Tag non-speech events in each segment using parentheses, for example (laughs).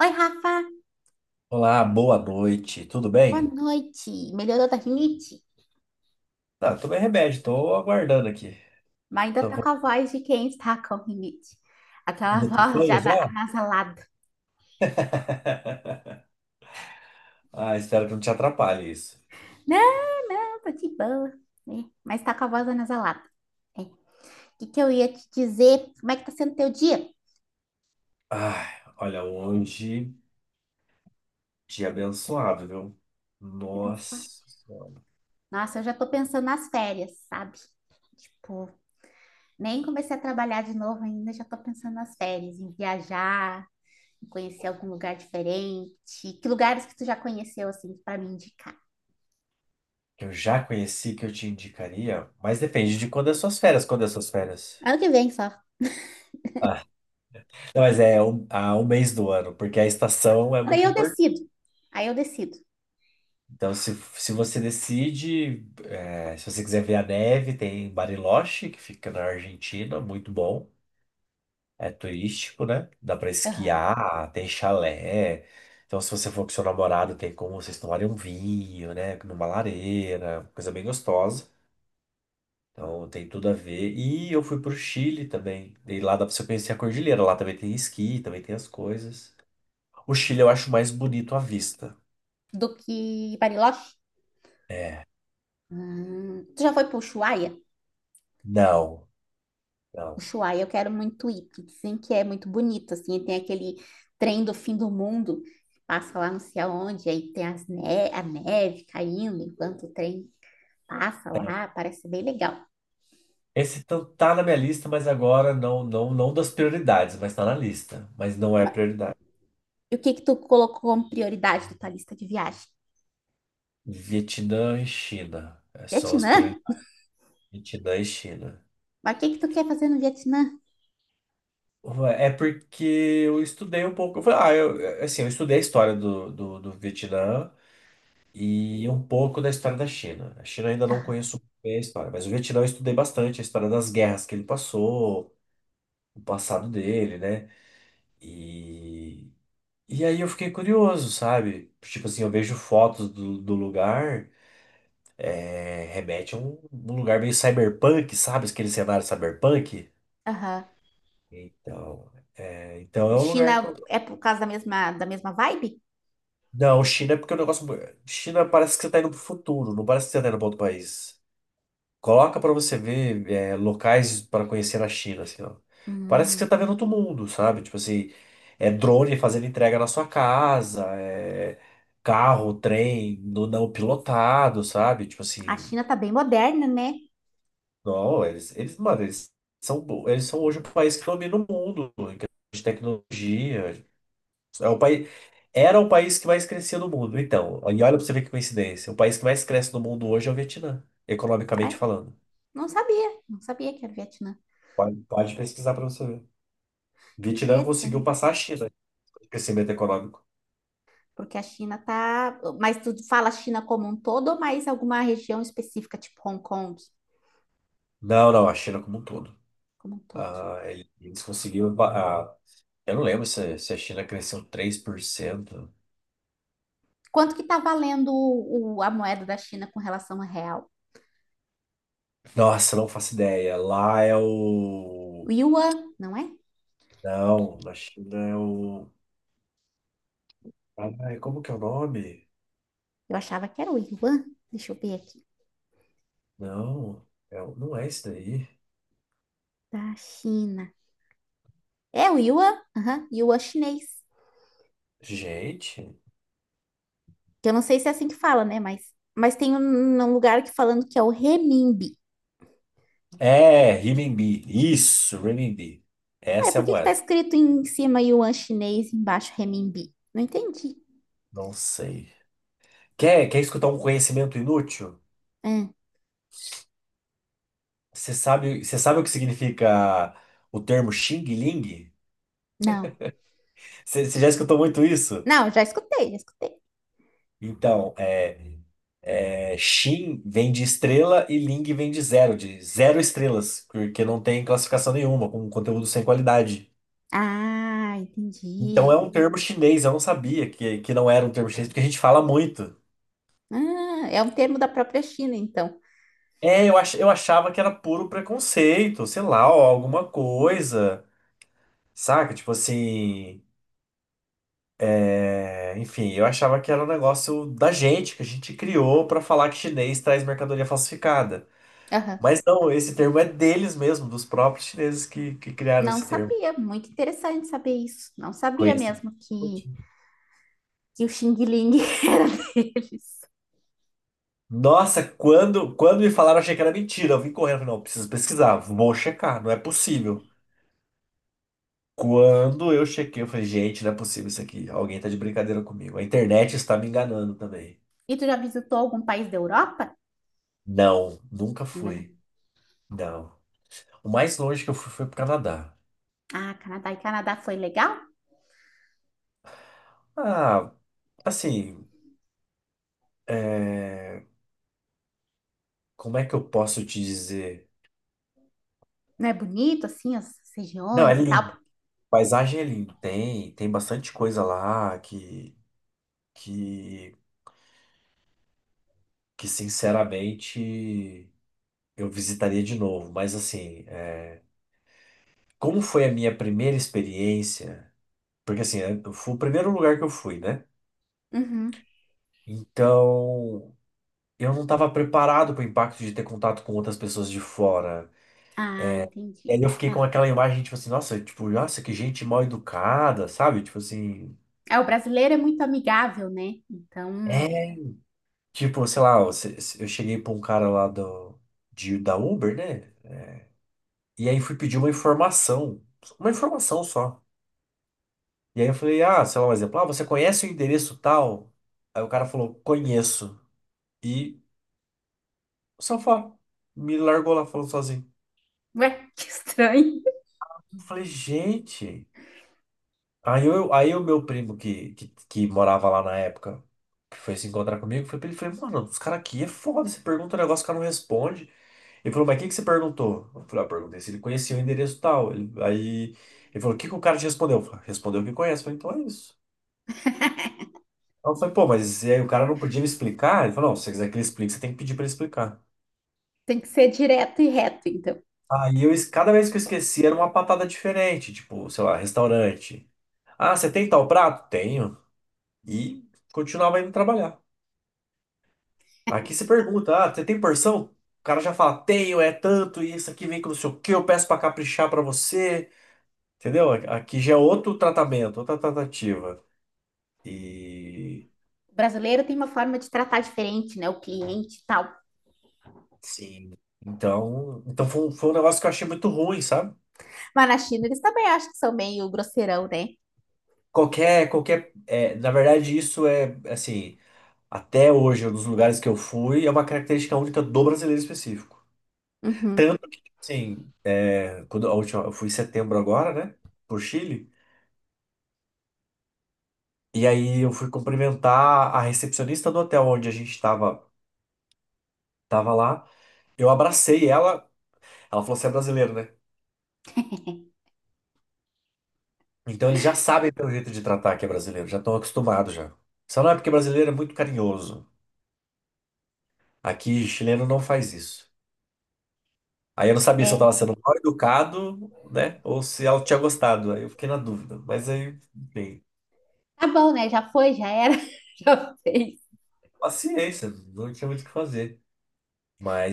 Oi, Rafa, Olá, boa noite. Tudo boa bem? noite. Melhorou da rinite? Tá, tomei remédio, tô aguardando aqui. Mas ainda Tô tá com vou- a voz de quem está com rinite. Aquela (laughs) me tu voz já já? anasalada. (laughs) Ah, espero que não te atrapalhe isso. Não, não, tô de boa, né? Mas tá com a voz anasalada. É. O que que eu ia te dizer? Como é que tá sendo teu dia? Ai, olha, hoje, dia abençoado, viu? Eu penso, "Ah, Nossa, Nossa, eu já tô pensando nas férias, sabe? Tipo, nem comecei a trabalhar de novo ainda, já tô pensando nas férias, em viajar, em conhecer algum lugar diferente. Que lugares que tu já conheceu, assim, pra me indicar? eu já conheci que eu te indicaria, mas depende de quando é suas férias, quando é suas férias. Ano que vem só. Ah, não, mas é um, um mês do ano, porque a estação é Daí muito. eu decido. Aí eu decido. Então, se você decide, é, se você quiser ver a neve, tem Bariloche, que fica na Argentina, muito bom. É turístico, né? Dá pra Aham. esquiar, tem chalé. Então, se você for com seu namorado, tem como vocês tomarem um vinho, né? Numa lareira, coisa bem gostosa. Então, tem tudo a ver. E eu fui pro Chile também. E lá dá pra você conhecer a cordilheira. Lá também tem esqui, também tem as coisas. O Chile eu acho mais bonito à vista. Do que Bariloche? Tu já foi pro Ushuaia? Não, não. Ushuaia, eu quero muito ir, porque dizem que é muito bonito, assim, tem aquele trem do fim do mundo, que passa lá não sei aonde, aí tem as ne a neve caindo enquanto o trem passa lá, parece bem legal. Esse tá na minha lista, mas agora não, não, não das prioridades, mas tá na lista. Mas não é Ma- prioridade. E o que que tu colocou como prioridade da tua lista de viagem? Vietnã e China. É só as Vietnã? prioridades. Vietnã e China. Mas o que que tu quer fazer no Vietnã? É porque eu estudei um pouco. Eu falei, ah, eu, assim, eu estudei a história do Vietnã e um pouco da história da China. A China eu ainda não Aham, conheço bem a história, mas o Vietnã eu estudei bastante a história das guerras que ele passou, o passado dele, né? e E aí eu fiquei curioso, sabe? Tipo assim, eu vejo fotos do lugar, é, remete a um lugar meio cyberpunk, sabe? Aquele cenário cyberpunk. aham. Então, então é um China lugar que eu... é por causa da mesma vibe? Não, China é porque o negócio... China parece que você tá indo pro futuro, não parece que você tá indo pra outro país. Coloca pra você ver é, locais pra conhecer na China, assim, ó. Parece que você Hum, tá vendo outro mundo, sabe? Tipo assim, é drone fazendo entrega na sua casa, é carro, trem, no, não pilotado, sabe? Tipo a assim, China tá bem moderna, né? não, mano, eles são hoje o país que domina o mundo em questão de tecnologia. É o país, era o país que mais crescia no mundo, então. E olha pra você ver que coincidência. O país que mais cresce no mundo hoje é o Vietnã, economicamente Ai, falando. não sabia, não sabia que era Vietnã. Pode, pode pesquisar pra você ver. Vietnã Interessante, conseguiu passar a China de crescimento econômico. porque a China tá... Mas tu fala China como um todo ou mais alguma região específica, tipo Hong Kong, Não, não, a China como um todo. como um todo? Ah, eles conseguiram. Eu não lembro se, a China cresceu 3%. Quanto que tá valendo o, a moeda da China com relação ao real? Nossa, não faço ideia. Lá é O o. yuan, não é? Não, na China é o. Ai, como que é o nome? Eu achava que era o yuan. Deixa eu ver aqui. Não, é o- não é isso daí. Da China. É o Yuan? Aham, Yuan chinês. Gente. Que eu não sei se é assim que fala, né? Mas tem um, um lugar que falando que é o renminbi. É, renminbi. Isso, renminbi. Ué, Essa é por a que que tá moeda. escrito em cima Yuan chinês e embaixo renminbi? Não entendi. Não sei. Quer, quer escutar um conhecimento inútil? Hã, Você sabe o que significa o termo Xing Ling? não. Você já escutou muito isso? Não, já escutei, já escutei. Então, Xin vem de estrela e Ling vem de zero estrelas, porque não tem classificação nenhuma, com conteúdo sem qualidade. Ah, Então é entendi. um termo chinês, eu não sabia que não era um termo chinês, porque a gente fala muito. Ah, é um termo da própria China, então. Eu achava que era puro preconceito, sei lá, ó, alguma coisa, saca? Tipo assim. É, enfim, eu achava que era um negócio da gente, que a gente criou para falar que chinês traz mercadoria falsificada. Aham. Mas não, esse termo é deles mesmo, dos próprios chineses que criaram Não esse termo. sabia. Muito interessante saber isso. Não sabia Conheci. mesmo que o Xing Ling (laughs) era deles. Nossa, quando me falaram, eu achei que era mentira. Eu vim correndo, falei, não, preciso pesquisar, vou checar, não é possível. Quando eu chequei, eu falei, gente, não é possível isso aqui. Alguém tá de brincadeira comigo. A internet está me enganando também. E tu já visitou algum país da Europa? Não, nunca Ainda fui. não. Não. O mais longe que eu fui foi pro Canadá. Ah, Canadá. E Canadá foi legal? Ah, assim, é, como é que eu posso te dizer? Não é bonito, assim, as Não, é regiões e lindo. tal? Paisagem é lindo. Tem bastante coisa lá que, que sinceramente eu visitaria de novo. Mas assim, é, como foi a minha primeira experiência? Porque assim, é, foi o primeiro lugar que eu fui, né? Uhum. Então, eu não estava preparado para o impacto de ter contato com outras pessoas de fora. Ah, E entendi. aí eu fiquei com Ah. aquela imagem, tipo assim, nossa, tipo, nossa, que gente mal educada, sabe? Tipo assim. É, o brasileiro é muito amigável, né? Então, É, tipo, sei lá, eu se- se- eu cheguei pra um cara lá da Uber, né? E aí fui pedir uma informação. Uma informação só. E aí eu falei, ah, sei lá, um exemplo, ah, você conhece o endereço tal? Aí o cara falou, conheço. E o sofá me largou lá falando sozinho. ué, (laughs) que estranho. Eu falei, gente. Aí, eu, aí o meu primo que morava lá na época, que foi se encontrar comigo, foi pra ele, falei, mano, os caras aqui é foda, você pergunta um negócio, o cara não responde. Ele falou, mas o que que você perguntou? Eu falei, ah, perguntei se ele conhecia o endereço tal. Aí ele falou, o que que o cara te respondeu? Eu falei, respondeu que conhece. Eu falei, então é isso. (laughs) Aí eu falei, pô, mas e aí o cara não podia me explicar? Ele falou, não, se você quiser que ele explique, você tem que pedir pra ele explicar. Tem que ser direto e reto, então. Aí eu, cada vez que eu esquecia, era uma patada diferente, tipo, sei lá, restaurante. Ah, você tem tal prato? Tenho. E continuava indo trabalhar. Aqui você pergunta, ah, você tem porção? O cara já fala, tenho, é tanto, e isso aqui vem com não sei o quê, eu peço pra caprichar pra você. Entendeu? Aqui já é outro tratamento, outra tratativa. E O brasileiro tem uma forma de tratar diferente, né? O cliente e tal. sim. Então, foi, foi um negócio que eu achei muito ruim, sabe? Mas na China eles também acham que são meio grosseirão, né? Na verdade, isso é assim, até hoje, um dos lugares que eu fui, é uma característica única do brasileiro específico. Uhum. Tanto que, assim, é, quando a última, eu fui em setembro agora, né? Por Chile. E aí eu fui cumprimentar a recepcionista do hotel onde a gente tava lá. Eu abracei ela. Ela falou, você é brasileiro, né? (laughs) Então eles já sabem pelo jeito de tratar que é brasileiro, já estão acostumados já. Só não é porque brasileiro é muito carinhoso. Aqui, chileno não faz isso. Aí eu não sabia se eu estava É. sendo mal educado, né? Ou se ela tinha gostado. Aí eu fiquei na dúvida. Mas aí, enfim, Tá bom, né? Já foi, já era, (laughs) já fez. paciência, não tinha muito o que fazer.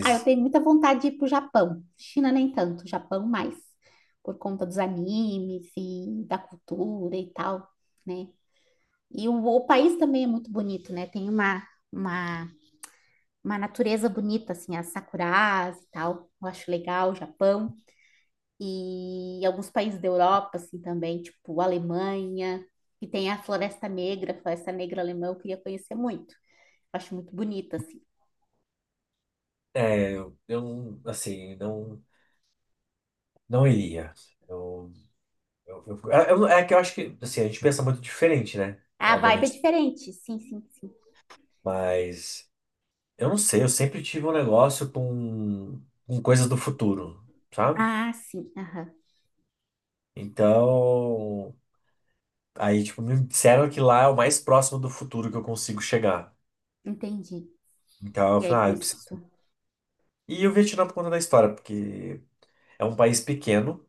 Ah, eu tenho muita vontade de ir pro Japão. China nem tanto, Japão mais, por conta dos animes e da cultura e tal, né? E o país também é muito bonito, né? Tem uma, uma natureza bonita, assim, as sakuras e tal. Eu acho legal o Japão. E alguns países da Europa, assim, também, tipo Alemanha, que tem a Floresta Negra alemã, eu queria conhecer muito. Eu acho muito bonita, assim. Eu não, assim, não, não iria. Eu, eu- é que eu acho que, assim, a gente pensa muito diferente, né? A vibe é Obviamente. diferente, sim, sim, sim. Mas. Eu não sei, eu sempre tive um negócio com coisas do futuro, sabe? Ah, sim, aham. Então, aí, tipo, me disseram que lá é o mais próximo do futuro que eu consigo chegar. Entendi. Então, eu E aí, falei, por ah, eu isso que preciso. tu. E o Vietnã por conta da história, porque é um país pequeno,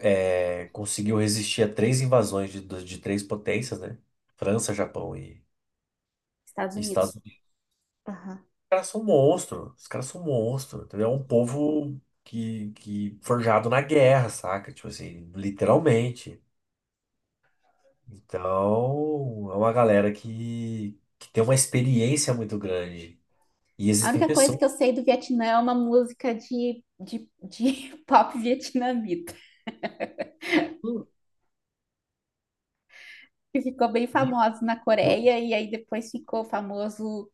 conseguiu resistir a três invasões de três potências, né? França, Japão e, Estados e Estados Unidos. Unidos. Aham. Os caras são monstros, os caras são monstros, entendeu? É um povo que forjado na guerra, saca? Tipo assim, literalmente. Então, é uma galera que tem uma experiência muito grande. E A existem única coisa pessoas. que eu sei do Vietnã é uma música de (laughs) pop vietnamita, que ficou bem que- famosa na Coreia e aí depois ficou famoso.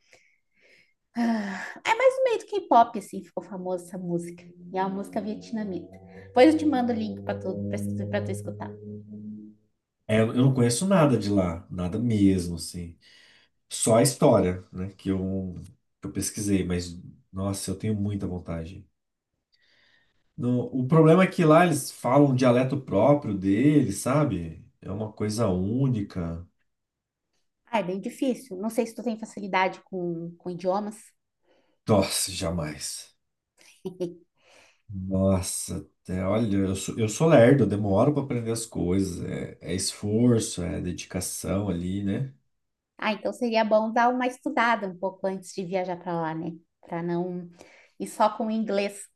Ah, É mais no meio do K-pop, assim, ficou famosa essa música. E é uma música vietnamita. Depois eu te mando o link para tu escutar. É, eu não conheço nada de lá, nada mesmo, assim. Só a história, né, que eu pesquisei, mas, nossa, eu tenho muita vontade. O problema é que lá eles falam um dialeto próprio deles, sabe? É uma coisa única. Ah, é bem difícil. Não sei se tu tem facilidade com idiomas. Nossa, jamais. (laughs) Nossa, olha, eu sou lerdo, eu demoro para aprender as coisas, é, é esforço, é dedicação ali, né? Ah, então seria bom dar uma estudada um pouco antes de viajar para lá, né? Para não ir só com o inglês.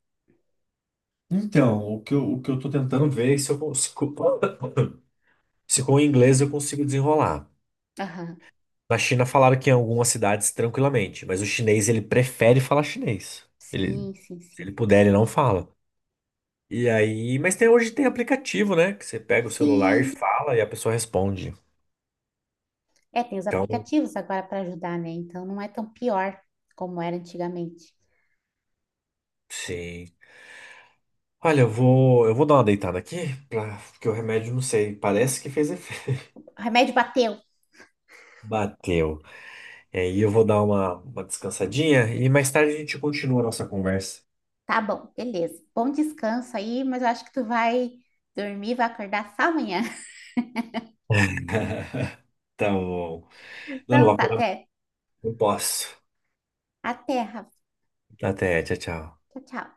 Então, o que eu tô tentando ver é se eu consigo, (coughs) se com o inglês eu consigo desenrolar. Aham. Na China falaram que em algumas cidades tranquilamente, mas o chinês ele prefere falar chinês. Ele, Sim, sim, se ele sim. puder, ele não fala. E aí, mas tem, hoje tem aplicativo, né? Que você pega o celular e Sim. fala e a pessoa responde. É, tem os Então, aplicativos agora para ajudar, né? Então não é tão pior como era antigamente. sim. Olha, eu vou dar uma deitada aqui, pra, porque o remédio, não sei, parece que fez efeito. O remédio bateu. (laughs) Bateu. E aí eu vou dar uma descansadinha e mais tarde a gente continua a nossa conversa. Tá bom, beleza. Bom descanso aí, mas eu acho que tu vai dormir, vai acordar só amanhã. (laughs) (laughs) Tá bom. Não, não, Então vou tá, acordar, até. não posso. Até, Rafa. Até, tchau, tchau. Tchau, tchau.